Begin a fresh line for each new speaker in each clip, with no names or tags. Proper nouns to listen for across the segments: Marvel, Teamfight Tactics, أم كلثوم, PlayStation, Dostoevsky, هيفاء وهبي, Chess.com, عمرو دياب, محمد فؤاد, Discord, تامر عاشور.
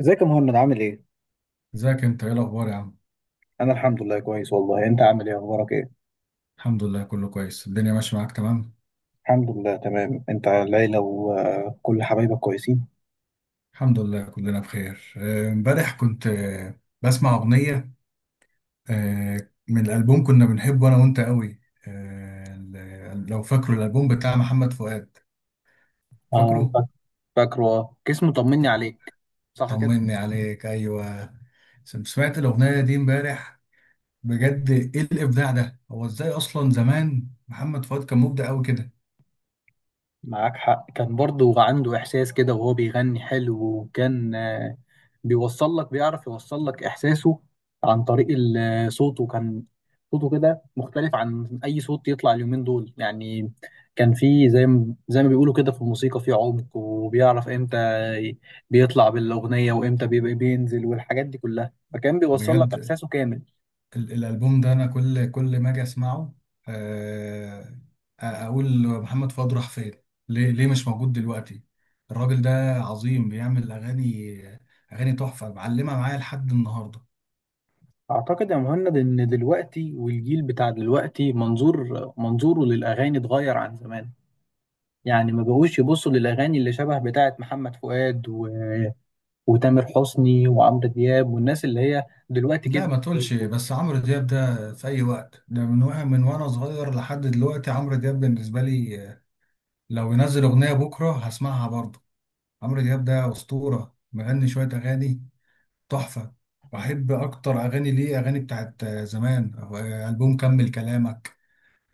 ازيك يا مهند، عامل ايه؟
ازيك؟ انت ايه الاخبار يا عم؟
انا الحمد لله كويس، والله. انت عامل ايه، اخبارك ايه؟
الحمد لله كله كويس، الدنيا ماشيه معاك تمام.
الحمد لله تمام. انت العيلة وكل حبايبك كويسين؟
الحمد لله كلنا بخير. امبارح كنت بسمع اغنيه من الالبوم كنا بنحبه انا وانت قوي. لو فاكره الالبوم بتاع محمد فؤاد؟
اه،
فاكره؟
فاكره، اه كيس. مطمني عليك، صح.
طمني عليك. ايوه. سمعت الاغنيه دي امبارح. بجد، ايه الابداع ده؟ هو ازاي اصلا زمان محمد فؤاد كان مبدع قوي كده؟
معاك حق، كان برضو عنده إحساس كده، وهو بيغني حلو. وكان بيوصل لك، بيعرف يوصل لك إحساسه عن طريق صوته. كان صوته كده مختلف عن أي صوت يطلع اليومين دول، يعني. كان فيه زي ما بيقولوا كده في الموسيقى، فيه عمق. وبيعرف إمتى ي- بيطلع بالأغنية وإمتى بيبقى بينزل، والحاجات دي كلها. فكان بيوصل لك
بجد،
إحساسه كامل.
الالبوم ده انا كل ما اجي اسمعه، آه، اقول محمد فؤاد راح فين؟ ليه مش موجود دلوقتي؟ الراجل ده عظيم، بيعمل اغاني. اغاني تحفه، معلمه معايا لحد النهارده.
أعتقد يا مهند إن دلوقتي والجيل بتاع دلوقتي، منظوره للأغاني اتغير عن زمان. يعني ما بقوش يبصوا للأغاني اللي شبه بتاعة محمد فؤاد وتامر حسني وعمرو دياب، والناس اللي هي دلوقتي
لا،
كبرت.
ما تقولش، بس عمرو دياب ده في اي وقت. ده من وانا صغير لحد دلوقتي عمرو دياب بالنسبه لي، لو ينزل اغنيه بكره هسمعها برضه. عمرو دياب ده اسطوره، مغني شويه اغاني تحفة. بحب أكتر أغاني ليه أغاني بتاعت زمان. ألبوم، كمل كلامك.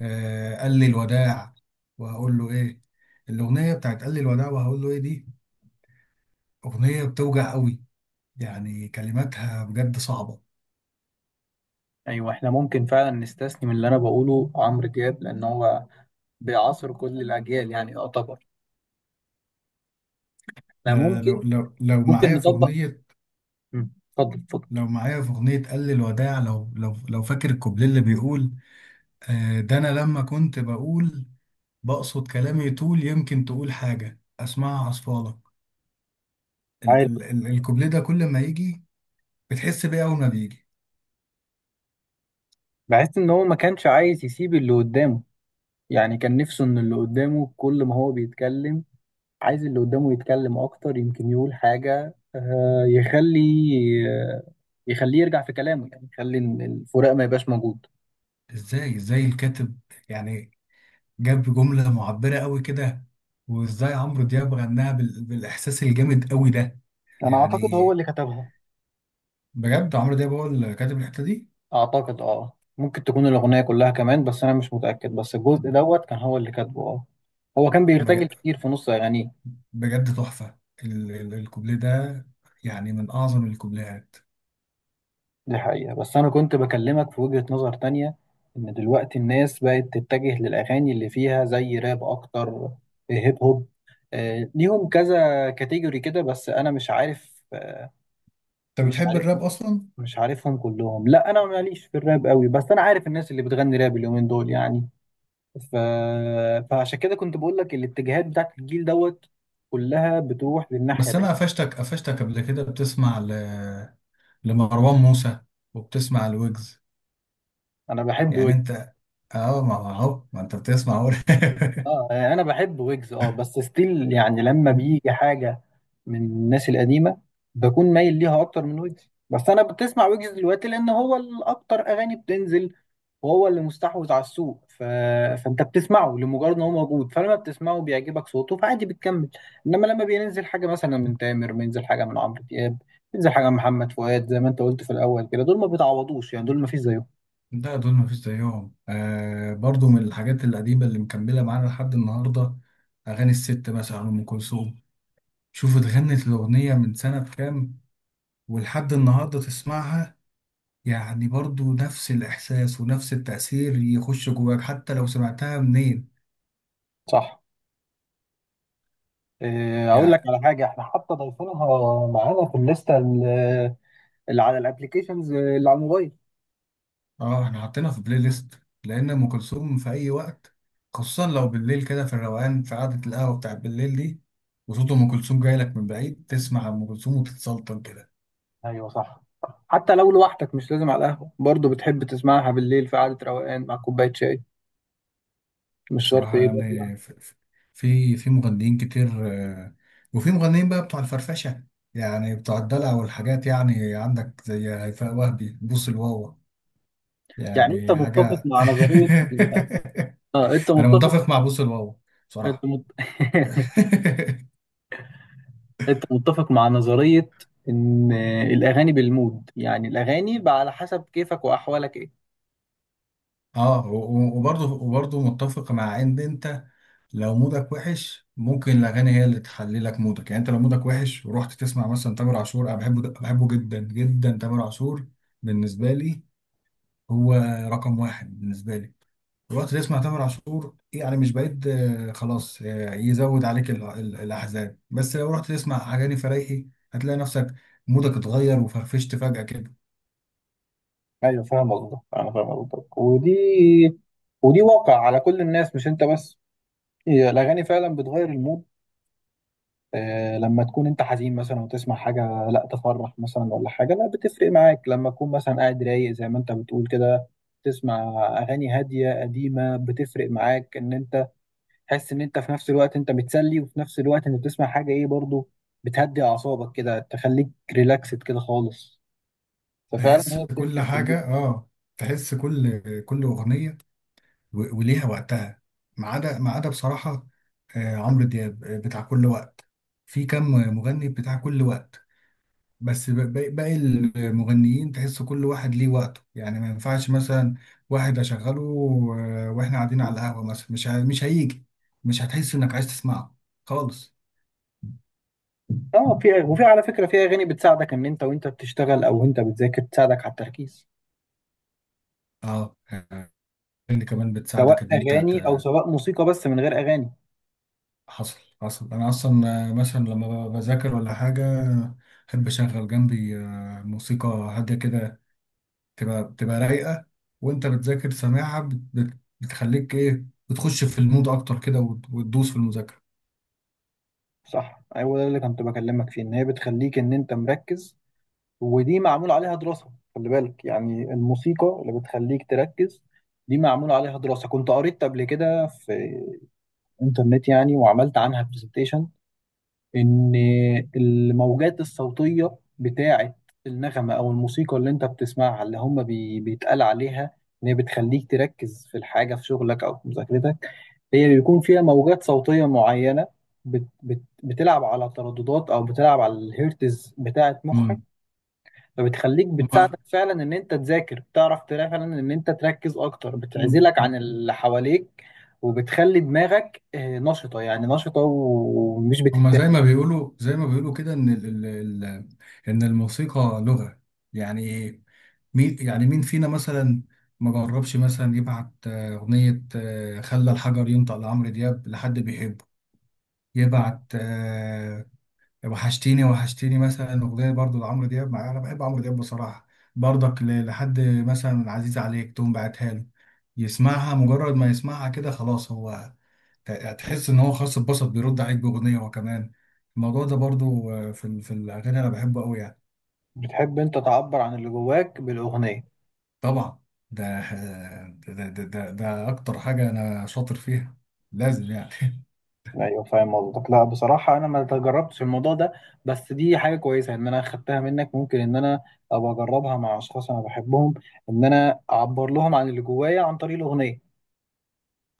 قال لي الوداع، وهقول له إيه. الأغنية بتاعت قال لي الوداع وهقول له إيه دي أغنية بتوجع قوي، يعني كلماتها بجد صعبة.
أيوة، إحنا ممكن فعلا نستثني من اللي أنا بقوله عمرو دياب، لأن هو بيعاصر كل الأجيال، يعني. يعتبر إحنا
آه، لو
ممكن
لو لو
ممكن
معايا في
نطبق.
أغنية،
مم. اتفضل اتفضل.
لو معايا في أغنية قال لي الوداع، لو فاكر الكوبليه اللي بيقول، ده أنا لما كنت بقول بقصد كلامي طول، يمكن تقول حاجة أسمعها عصفالك. ال
عارف،
ال ال الكوبليه ده كل ما يجي، بتحس بيه اول ما بيجي.
بحس إن هو ما كانش عايز يسيب اللي قدامه. يعني كان نفسه إن اللي قدامه كل ما هو بيتكلم، عايز اللي قدامه يتكلم أكتر، يمكن يقول حاجة، آه، يخليه يرجع في كلامه. يعني يخلي الفراق ما يبقاش موجود.
ازاي الكاتب، يعني، جاب جملة معبرة قوي كده؟ وازاي عمرو دياب غناها بالاحساس الجامد قوي ده؟
انا اعتقد
يعني
هو اللي كتبها.
بجد، عمرو دياب هو اللي كاتب الحتة دي؟
اعتقد اه، ممكن تكون الاغنيه كلها كمان، بس انا مش متاكد. بس الجزء دوت كان هو اللي كاتبه، اه. هو كان بيرتجل
بج-
كتير في نص اغانيه.
بجد تحفة. الكوبليه ده، يعني من اعظم الكوبليهات.
دي حقيقه، بس انا كنت بكلمك في وجهه نظر تانية، ان دلوقتي الناس بقت تتجه للاغاني اللي فيها زي راب اكتر، هيب هوب. ليهم كذا كاتيجوري كده، بس انا مش عارف آه،
انت
مش
بتحب
عارف
الراب اصلا؟
مش عارفهم كلهم. لا، انا ماليش في الراب قوي، بس انا عارف الناس اللي بتغني راب اليومين دول، يعني. ف... فعشان كده كنت بقول لك الاتجاهات بتاعت الجيل دوت كلها بتروح للناحيه
بس
دي.
انا قفشتك قبل كده بتسمع لمروان موسى، وبتسمع الويجز.
انا بحب
يعني انت،
ويجز
اه، ما هو ما انت بتسمع أهو.
انا بحب ويجز، اه، بس ستيل يعني لما بيجي حاجه من الناس القديمه، بكون مايل ليها اكتر من ويجز. بس انا بتسمع ويجز دلوقتي لان هو الاكتر اغاني بتنزل، وهو اللي مستحوذ على السوق. فانت بتسمعه لمجرد ان هو موجود، فلما بتسمعه بيعجبك صوته، فعادي بتكمل. انما لما بينزل حاجه مثلا من تامر، بينزل حاجه من عمرو دياب، بينزل حاجه من محمد فؤاد، زي ما انت قلت في الاول كده، دول ما بيتعوضوش يعني، دول ما فيش زيهم.
لا، دول مفيش زيهم. برضو من الحاجات القديمة اللي مكملة معانا لحد النهاردة، أغاني الست مثلا، أم كلثوم. شوف، اتغنت الأغنية من سنة كام، ولحد النهاردة تسمعها، يعني برضو نفس الإحساس ونفس التأثير يخش جواك حتى لو سمعتها منين.
صح. اقول لك
يعني،
على حاجه، احنا حتى ضايفينها معانا في الليسته اللي على الابلكيشنز اللي على الموبايل.
اه، احنا حاطينها في بلاي ليست لأن أم كلثوم في أي وقت، خصوصا لو بالليل كده في الروقان، في قعدة القهوة بتاعت بالليل دي، وصوت أم كلثوم جاي لك من بعيد، تسمع أم كلثوم وتتسلطن كده.
ايوه، صح. حتى لو لوحدك، مش لازم على القهوه برضه بتحب تسمعها بالليل في قعده روقان مع كوبايه شاي. مش شرط
بصراحة
يبقى في القهوة.
يعني، في مغنيين كتير، وفي مغنيين بقى بتوع الفرفشة، يعني بتوع الدلع والحاجات، يعني عندك زي هيفاء وهبي بوس الواوا،
يعني انت
يعني
متفق
حاجة.
مع نظرية اه، انت
أنا
متفق.
متفق مع بوس الواوا
انت
بصراحة.
مت... انت متفق مع نظرية ان الاغاني بالمود، يعني الاغاني بقى على حسب كيفك واحوالك ايه؟
اه، وبرضه متفق مع ان انت، لو مودك وحش ممكن الاغاني هي اللي تحلي لك مودك. يعني انت لو مودك وحش ورحت تسمع مثلا تامر عاشور، انا بحبه جدا جدا تامر عاشور. بالنسبه لي هو رقم واحد بالنسبة لي. الوقت اللي اسمه تامر عاشور يعني مش بعيد، خلاص، يزود عليك الأحزان. بس لو رحت تسمع أغاني فريحي، هتلاقي نفسك مودك اتغير وفرفشت فجأة كده.
ايوه، فاهم قصدك. انا فاهم قصدك، ودي واقع على كل الناس مش انت بس. هي الاغاني فعلا بتغير المود. لما تكون انت حزين مثلا وتسمع حاجه، لا تفرح مثلا. ولا حاجه، لا، بتفرق معاك لما تكون مثلا قاعد رايق زي ما انت بتقول كده. تسمع اغاني هاديه قديمه، بتفرق معاك ان انت تحس ان انت في نفس الوقت انت بتسلي، وفي نفس الوقت انت بتسمع حاجه ايه برضو، بتهدي اعصابك كده، تخليك ريلاكسد كده خالص. ففعلا
تحس
هي
كل
بتفرق في المود.
حاجة، اه. تحس كل أغنية وليها وقتها. ما عدا بصراحة، عمرو دياب، بتاع كل وقت. في كم مغني بتاع كل وقت؟ بس باقي المغنيين تحس كل واحد ليه وقته، يعني ما ينفعش مثلا واحد اشغله واحنا قاعدين على القهوة مثلا، مش هيجي، مش هتحس انك عايز تسمعه خالص.
اه، في وفي على فكره، في اغاني بتساعدك ان انت وانت بتشتغل او انت بتذاكر، تساعدك على التركيز.
اه، اللي كمان بتساعدك
سواء
ان انت
اغاني او سواء موسيقى بس من غير اغاني.
حصل، انا اصلا مثلا لما بذاكر ولا حاجة، احب اشغل جنبي موسيقى هادية كده، بتبقى رايقة. وانت بتذاكر سامعها بتخليك ايه، بتخش في المود اكتر كده وتدوس في المذاكرة.
صح، ايوه. ده اللي كنت بكلمك فيه، ان هي بتخليك ان انت مركز. ودي معمول عليها دراسه، خلي بالك. يعني الموسيقى اللي بتخليك تركز، دي معمول عليها دراسه، كنت قريت قبل كده في انترنت يعني، وعملت عنها برزنتيشن. ان الموجات الصوتيه بتاعه النغمه او الموسيقى اللي انت بتسمعها، اللي هم بيتقال عليها ان هي بتخليك تركز في الحاجه، في شغلك او في مذاكرتك. هي بيكون فيها موجات صوتيه معينه بت بت بتلعب على ترددات، او بتلعب على الهيرتز بتاعه مخك.
امم
فبتخليك، بتساعدك فعلا ان انت تذاكر، بتعرف تلاقي فعلا ان انت تركز اكتر،
مم.
بتعزلك عن
هم-
اللي حواليك، وبتخلي دماغك نشطة. يعني نشطة ومش
هما زي
بتتاكل.
ما بيقولوا زي ما بيقولوا كده، ان ال ال ال ان الموسيقى لغة. يعني مين، يعني مين فينا مثلا ما جربش مثلا يبعت أغنية خلى الحجر ينطق لعمرو دياب لحد بيحبه، يبعت وحشتيني وحشتيني مثلا، أغنية برضو لعمرو دياب، مع أنا بحب عمرو دياب بصراحة، برضك لحد مثلا عزيز عليك تقوم بعتها له، يسمعها. مجرد ما يسمعها كده خلاص، هو هتحس ان هو خاص اتبسط، بيرد عليك باغنيه هو كمان. الموضوع ده برضو، في الاغاني انا بحبه قوي يعني.
بتحب انت تعبر عن اللي جواك بالاغنية؟
طبعا، ده آه، ده ده ده, ده اكتر حاجه انا شاطر فيها، لازم يعني.
ايوه، فاهم قصدك. لا، بصراحة انا ما تجربتش الموضوع ده، بس دي حاجة كويسة ان انا خدتها منك. ممكن ان انا ابقى اجربها مع اشخاص انا بحبهم، ان انا اعبر لهم عن اللي جوايا عن طريق الاغنية.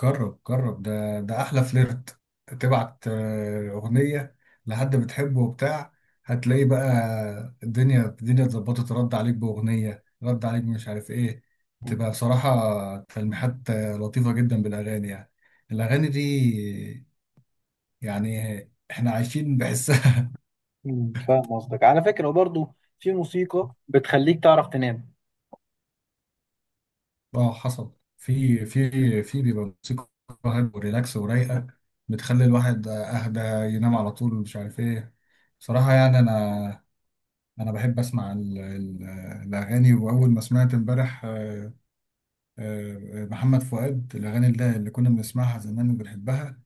جرب جرب، ده احلى فليرت. تبعت اغنيه لحد بتحبه وبتاع، هتلاقي بقى الدنيا اتظبطت، رد عليك باغنيه، رد عليك مش عارف ايه. تبقى بصراحه تلميحات، لطيفه جدا بالاغاني، يعني الاغاني دي، يعني احنا عايشين بحسها.
فاهم قصدك. على فكرة، وبرضه في موسيقى بتخليك تعرف تنام.
اه، حصل. في بيبقى موسيقى هادية وريلاكس ورايقه، بتخلي الواحد اهدى، ينام على طول مش عارف ايه. بصراحه يعني، انا بحب اسمع الاغاني. واول ما سمعت امبارح محمد فؤاد، الاغاني اللي كنا بنسمعها زمان وبنحبها،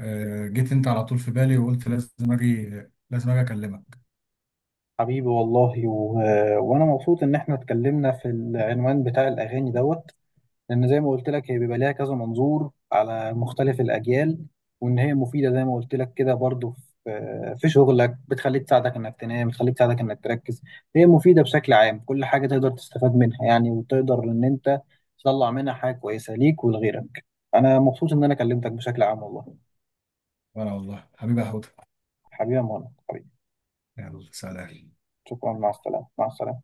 جيت انت على طول في بالي وقلت لازم اجي اكلمك.
حبيبي والله، وانا مبسوط ان احنا اتكلمنا في العنوان بتاع الاغاني دوت. لان زي ما قلت لك، هي بيبقى ليها كذا منظور على مختلف الاجيال. وان هي مفيدة زي ما قلت لك كده برضه، في شغلك، بتخليك تساعدك انك تنام، بتخليك تساعدك انك تركز. هي مفيدة بشكل عام، كل حاجة تقدر تستفاد منها، يعني، وتقدر ان انت تطلع منها حاجة كويسة ليك ولغيرك. انا مبسوط ان انا كلمتك، بشكل عام والله.
وانا والله حبيبي يا هدى.
حبيبي يا مهند.
يلا، سلام.
شكرا، مع السلامة، مع السلامة.